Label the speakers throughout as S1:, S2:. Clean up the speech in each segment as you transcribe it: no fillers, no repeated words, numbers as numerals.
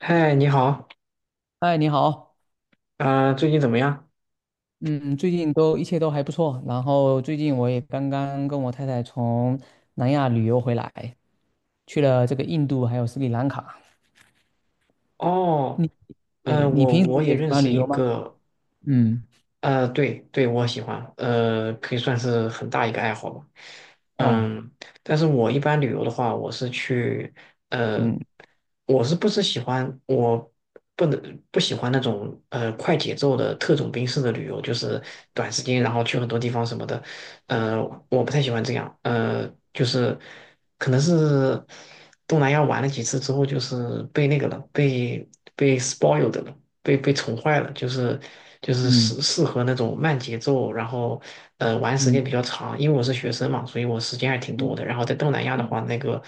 S1: 嗨，你好，
S2: 嗨，你好。
S1: 最近怎么样？
S2: 嗯，最近都一切都还不错。然后最近我也刚刚跟我太太从南亚旅游回来，去了这个印度还有斯里兰卡。
S1: 哦。
S2: 你对
S1: 嗯，
S2: 你
S1: 我
S2: 平时
S1: 我也
S2: 也喜
S1: 认
S2: 欢
S1: 识
S2: 旅
S1: 一
S2: 游吗？
S1: 个，
S2: 嗯。
S1: 对对，我喜欢，可以算是很大一个爱好吧。
S2: 哦。
S1: 嗯。但是我一般旅游的话，我是去，呃，
S2: 嗯
S1: 我是不是喜欢，我不能不喜欢那种快节奏的特种兵式的旅游，就是短时间然后去很多地方什么的，呃，我不太喜欢这样，就是可能是东南亚玩了几次之后，就是被那个了，被 spoiled 了。被宠坏了，就是
S2: 嗯
S1: 适合那种慢节奏，然后玩时
S2: 嗯
S1: 间比较长。因为我是学生嘛，所以我时间还挺多
S2: 嗯
S1: 的。然后在东南亚的
S2: 嗯
S1: 话，那个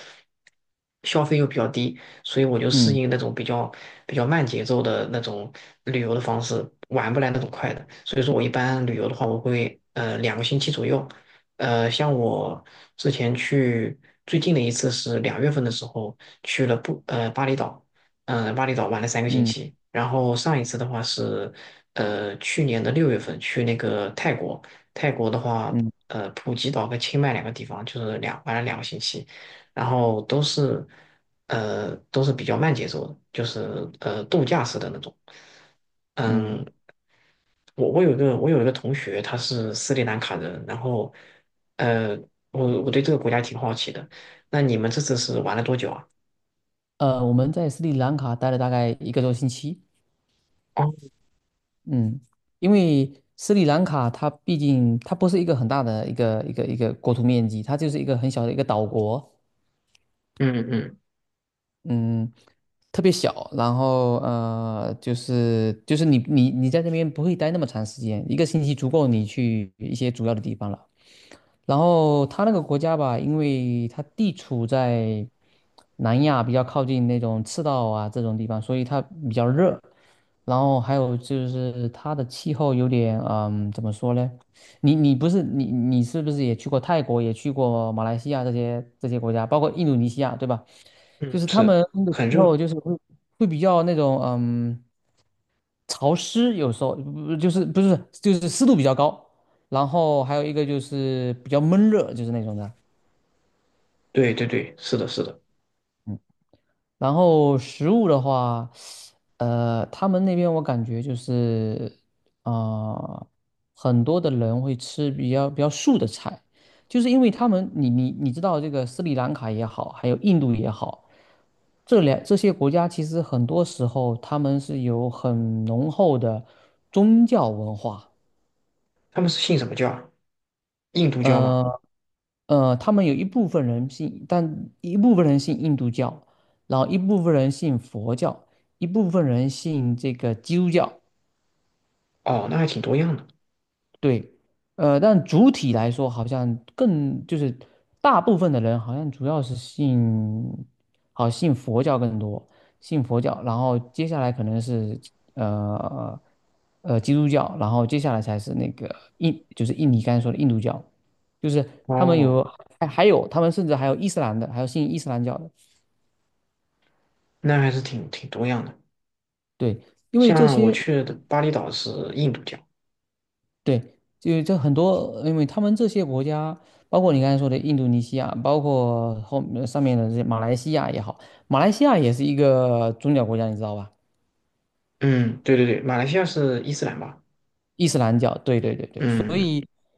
S1: 消费又比较低，所以我就适
S2: 嗯
S1: 应那种比较慢节奏的那种旅游的方式，玩不来那种快的。所以说我一般旅游的话，我会两个星期左右。像我之前去最近的一次是2月份的时候去了不巴厘岛，嗯、巴厘岛玩了三个星
S2: 嗯
S1: 期。然后上一次的话是，去年的6月份去那个泰国，泰国的话，
S2: 嗯
S1: 普吉岛跟清迈两个地方，就是玩了两个星期，然后都是，都是比较慢节奏的，就是度假式的那种。嗯，
S2: 嗯。
S1: 我有一个同学，他是斯里兰卡人，然后，呃，我对这个国家挺好奇的。那你们这次是玩了多久啊？
S2: 我们在斯里兰卡待了大概一个多星期。
S1: 哦。
S2: 嗯。因为斯里兰卡它毕竟它不是一个很大的一个国土面积，它就是一个很小的一个岛国。
S1: 嗯嗯
S2: 嗯，特别小。然后就是你在这边不会待那么长时间，一个星期足够你去一些主要的地方了。然后它那个国家吧，因为它地处在南亚比较靠近那种赤道啊这种地方，所以它比较热。然后还有就是它的气候有点怎么说呢？你是不是也去过泰国，也去过马来西亚这些国家，包括印度尼西亚，对吧？就
S1: 嗯，
S2: 是他们
S1: 是
S2: 那个气
S1: 很
S2: 候
S1: 热。
S2: 就是会比较那种潮湿，有时候不就是不是就是湿度比较高，然后还有一个就是比较闷热，就是那种的。
S1: 对对对，是的，是的。
S2: 然后食物的话，他们那边我感觉就是，啊、很多的人会吃比较素的菜，就是因为他们，你知道这个斯里兰卡也好，还有印度也好，这些国家其实很多时候他们是有很浓厚的宗教文化。
S1: 他们是信什么教啊，印度教吗？
S2: 呃他们有一部分人信，但一部分人信印度教，然后一部分人信佛教，一部分人信这个基督教。
S1: 哦，那还挺多样的。
S2: 对。但主体来说，好像更就是大部分的人好像主要是信，好信佛教更多，信佛教，然后接下来可能是呃基督教，然后接下来才是那个就是印尼刚才说的印度教，就是他们
S1: 哦，
S2: 有，还有他们甚至还有伊斯兰的，还有信伊斯兰教的。
S1: 那还是挺多样的。
S2: 对，因为这
S1: 像我
S2: 些。
S1: 去的巴厘岛是印度教。
S2: 对，就这很多，因为他们这些国家，包括你刚才说的印度尼西亚，包括上面的这些马来西亚也好，马来西亚也是一个宗教国家，你知道吧？
S1: 嗯，对对对，马来西亚是伊斯兰吧？
S2: 伊斯兰教，对对对对。
S1: 嗯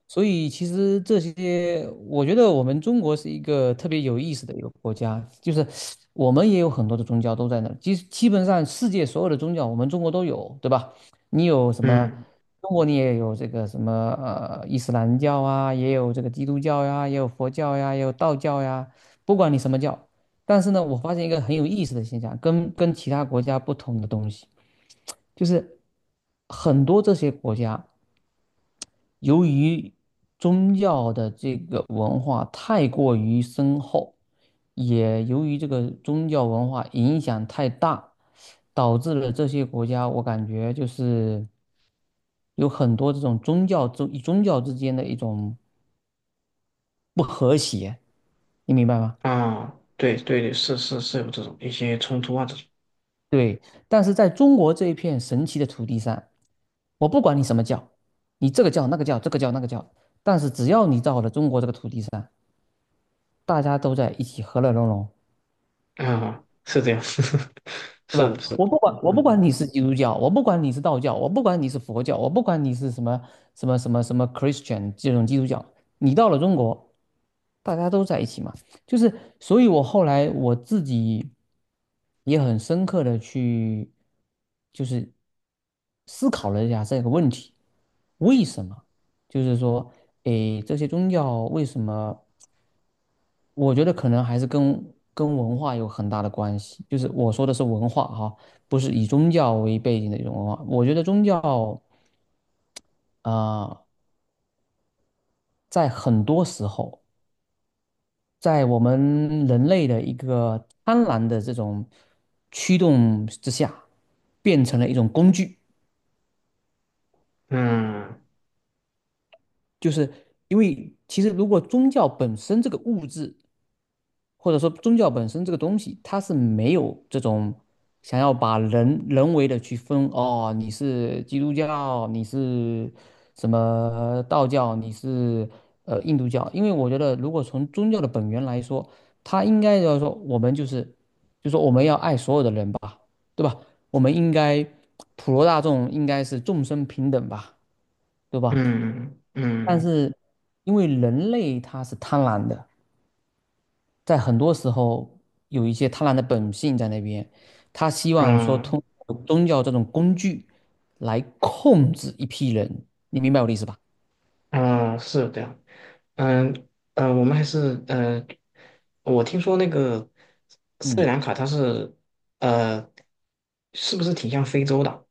S2: 所以其实这些，我觉得我们中国是一个特别有意思的一个国家，就是我们也有很多的宗教都在那儿，基本上世界所有的宗教我们中国都有，对吧？你有什么？
S1: 嗯，
S2: 中国你也有这个什么伊斯兰教啊，也有这个基督教呀，也有佛教呀，也有道教呀，不管你什么教。但是呢，我发现一个很有意思的现象，跟其他国家不同的东西，就是很多这些国家，由于宗教的这个文化太过于深厚，也由于这个宗教文化影响太大，导致了这些国家，我感觉就是有很多这种宗教之间的一种不和谐，你明白吗？
S1: 啊，对对对，是是是有这种一些冲突啊这种。
S2: 对。但是在中国这一片神奇的土地上，我不管你什么教，你这个教那个教，这个教那个教，但是只要你到了中国这个土地上，大家都在一起和乐融融。
S1: 啊，是这样，
S2: 是
S1: 是的，
S2: 吧？
S1: 是的。
S2: 我不管，我不管
S1: 嗯
S2: 你是基督教，我不管你是道教，我不管你是佛教，我不管你是什么 Christian 这种基督教，你到了中国，大家都在一起嘛。就是，所以我后来我自己也很深刻的去，就是思考了一下这个问题。为什么？就是说，诶，这些宗教为什么？我觉得可能还是跟文化有很大的关系，就是我说的是文化哈，不是以宗教为背景的一种文化。我觉得宗教呃，在很多时候，在我们人类的一个贪婪的这种驱动之下，变成了一种工具。
S1: 嗯
S2: 就是因为其实如果宗教本身这个物质或者说宗教本身这个东西，它是没有这种想要把人人为的去分，哦，你是基督教，你是什么道教，你是印度教，因为我觉得如果从宗教的本源来说，它应该要说我们就说我们要爱所有的人吧，对吧？我们应该普罗大众应该是众生平等吧，对吧？
S1: 嗯嗯
S2: 但嗯
S1: 嗯
S2: 是因为人类他是贪婪的。在很多时候有一些贪婪的本性在那边，他希望说
S1: 嗯
S2: 通过宗教这种工具来控制一批人，你明白我的意思吧？
S1: 嗯，啊，是有这样。嗯。嗯，我们还是我听说那个斯里
S2: 嗯，
S1: 兰卡它是呃，是不是挺像非洲的？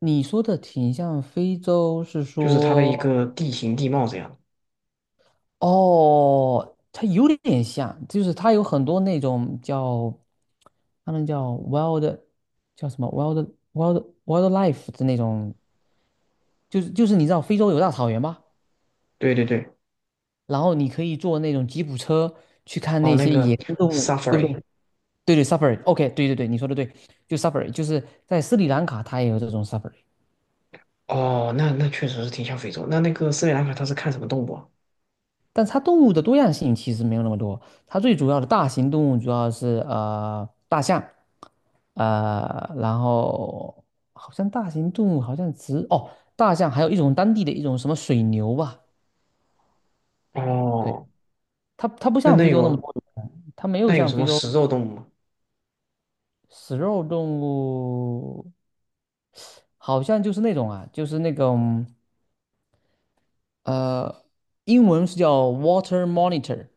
S2: 你说的挺像非洲，是
S1: 就是它的
S2: 说，
S1: 一个地形地貌这样。
S2: 哦，它有点像，就是它有很多那种叫，他们叫 wild,叫什么 wildlife 的那种，就是你知道非洲有大草原吗？
S1: 对对对。
S2: 然后你可以坐那种吉普车去看
S1: 哦，
S2: 那
S1: 那
S2: 些野
S1: 个
S2: 生动物，对不
S1: safari。
S2: 对？对对safari，OK，对对对，你说的对，就 safari,就是在斯里兰卡它也有这种 safari,
S1: 哦，那确实是挺像非洲。那个斯里兰卡它是看什么动物啊？
S2: 但它动物的多样性其实没有那么多，它最主要的大型动物主要是大象。然后好像大型动物好像只，大象，还有一种当地的一种什么水牛吧。对，
S1: 哦，
S2: 它不
S1: 那
S2: 像
S1: 那
S2: 非洲那么
S1: 有
S2: 多，它没有
S1: 那有
S2: 像
S1: 什
S2: 非
S1: 么
S2: 洲。
S1: 食肉动物吗？
S2: 食肉动物，好像就是那种啊，就是那种呃，英文是叫 water monitor,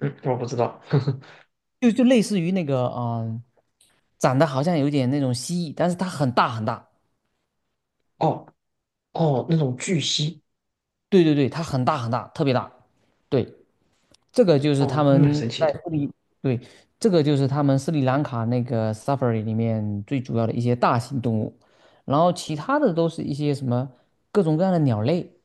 S1: 嗯，我不知道。
S2: 就类似于那个长得好像有点那种蜥蜴，但是它很大很大。
S1: 哦。哦，那种巨蜥。
S2: 对对对，它很大很大，特别大。对，这个就是他
S1: 哦，那蛮
S2: 们
S1: 神奇
S2: 在
S1: 的。
S2: 斯里，对，这个就是他们斯里兰卡那个 safari 里面最主要的一些大型动物，然后其他的都是一些什么各种各样的鸟类。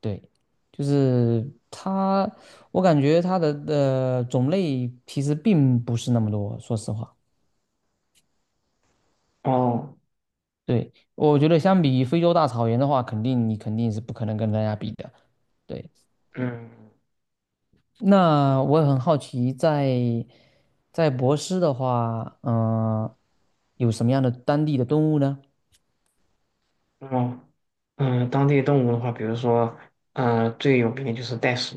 S2: 对，就是它，我感觉它的种类其实并不是那么多，说实话。
S1: 哦。
S2: 对，我觉得相比非洲大草原的话，肯定你肯定是不可能跟人家比的。对，
S1: 嗯。
S2: 那我也很好奇在博斯的话，有什么样的当地的动物呢？
S1: 哦。嗯，当地动物的话，比如说，嗯、最有名的就是袋鼠。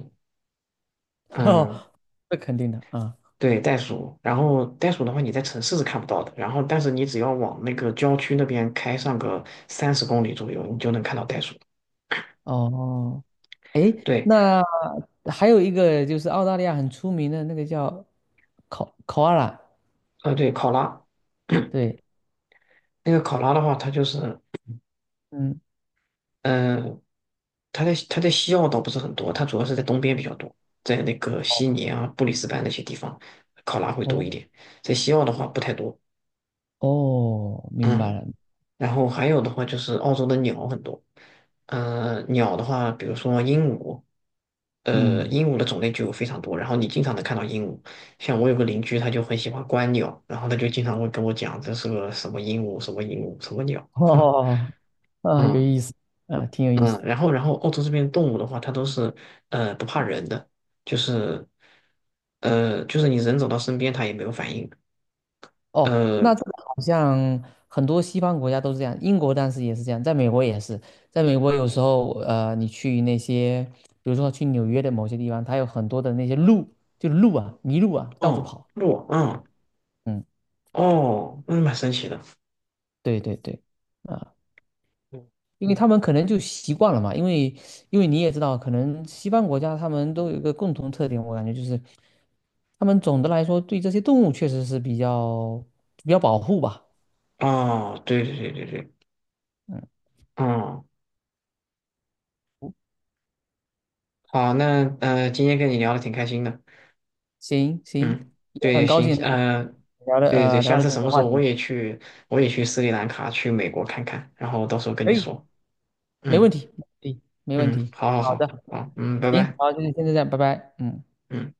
S1: 嗯，
S2: 哦，这肯定的啊。
S1: 对，袋鼠。然后袋鼠的话，你在城市是看不到的，然后但是你只要往那个郊区那边开上个30公里左右，你就能看到袋鼠。
S2: 哦，
S1: 对。
S2: 那还有一个就是澳大利亚很出名的那个叫考阿拉，
S1: 对，考拉。
S2: 对，
S1: 那个考拉的话，它就是，
S2: 嗯，
S1: 嗯、它在西澳倒不是很多，它主要是在东边比较多，在那个悉
S2: 哦
S1: 尼啊、布里斯班那些地方，考拉会多
S2: 哦
S1: 一点，在西澳的话不太多。
S2: 哦，明白
S1: 嗯。
S2: 了，
S1: 然后还有的话就是澳洲的鸟很多，鸟的话，比如说鹦鹉，
S2: 嗯，
S1: 鹦鹉的种类就非常多，然后你经常能看到鹦鹉。像我有个邻居，他就很喜欢观鸟，然后他就经常会跟我讲这是个什么鹦鹉，什么鹦鹉，什么鸟。
S2: 哦，啊，有
S1: 嗯
S2: 意思，啊，挺有意
S1: 嗯，
S2: 思。
S1: 然后澳洲这边动物的话，它都是不怕人的，就是就是你人走到身边它也没有反应。
S2: 哦，
S1: 呃，
S2: 那这个好像很多西方国家都是这样，英国当时也是这样，在美国也是，在美国有时候，你去那些，比如说去纽约的某些地方，它有很多的那些路，就路啊，麋鹿啊，到处
S1: 哦，
S2: 跑。
S1: 鹿，嗯。
S2: 嗯，
S1: 哦，那蛮神奇的。
S2: 对对对，啊。因为他们可能就习惯了嘛，因为你也知道，可能西方国家他们都有一个共同特点，我感觉就是他们总的来说对这些动物确实是比较保护吧。
S1: 哦，对对对对对。
S2: 嗯，
S1: 哦，好，那今天跟你聊的挺开心的。
S2: 行行，
S1: 嗯，
S2: 也
S1: 对，
S2: 很高
S1: 行，
S2: 兴聊了
S1: 对对对，
S2: 呃聊
S1: 下
S2: 了
S1: 次
S2: 这
S1: 什
S2: 些
S1: 么时
S2: 话
S1: 候我
S2: 题，
S1: 也去，我也去斯里兰卡，去美国看看，然后到时候跟
S2: 可
S1: 你
S2: 以，
S1: 说。
S2: 没问
S1: 嗯
S2: 题，可以，没问
S1: 嗯，
S2: 题。
S1: 好好
S2: 好的，
S1: 好，好，嗯，拜
S2: 行，
S1: 拜。
S2: 好，就是现在这样，拜拜，嗯。
S1: 嗯。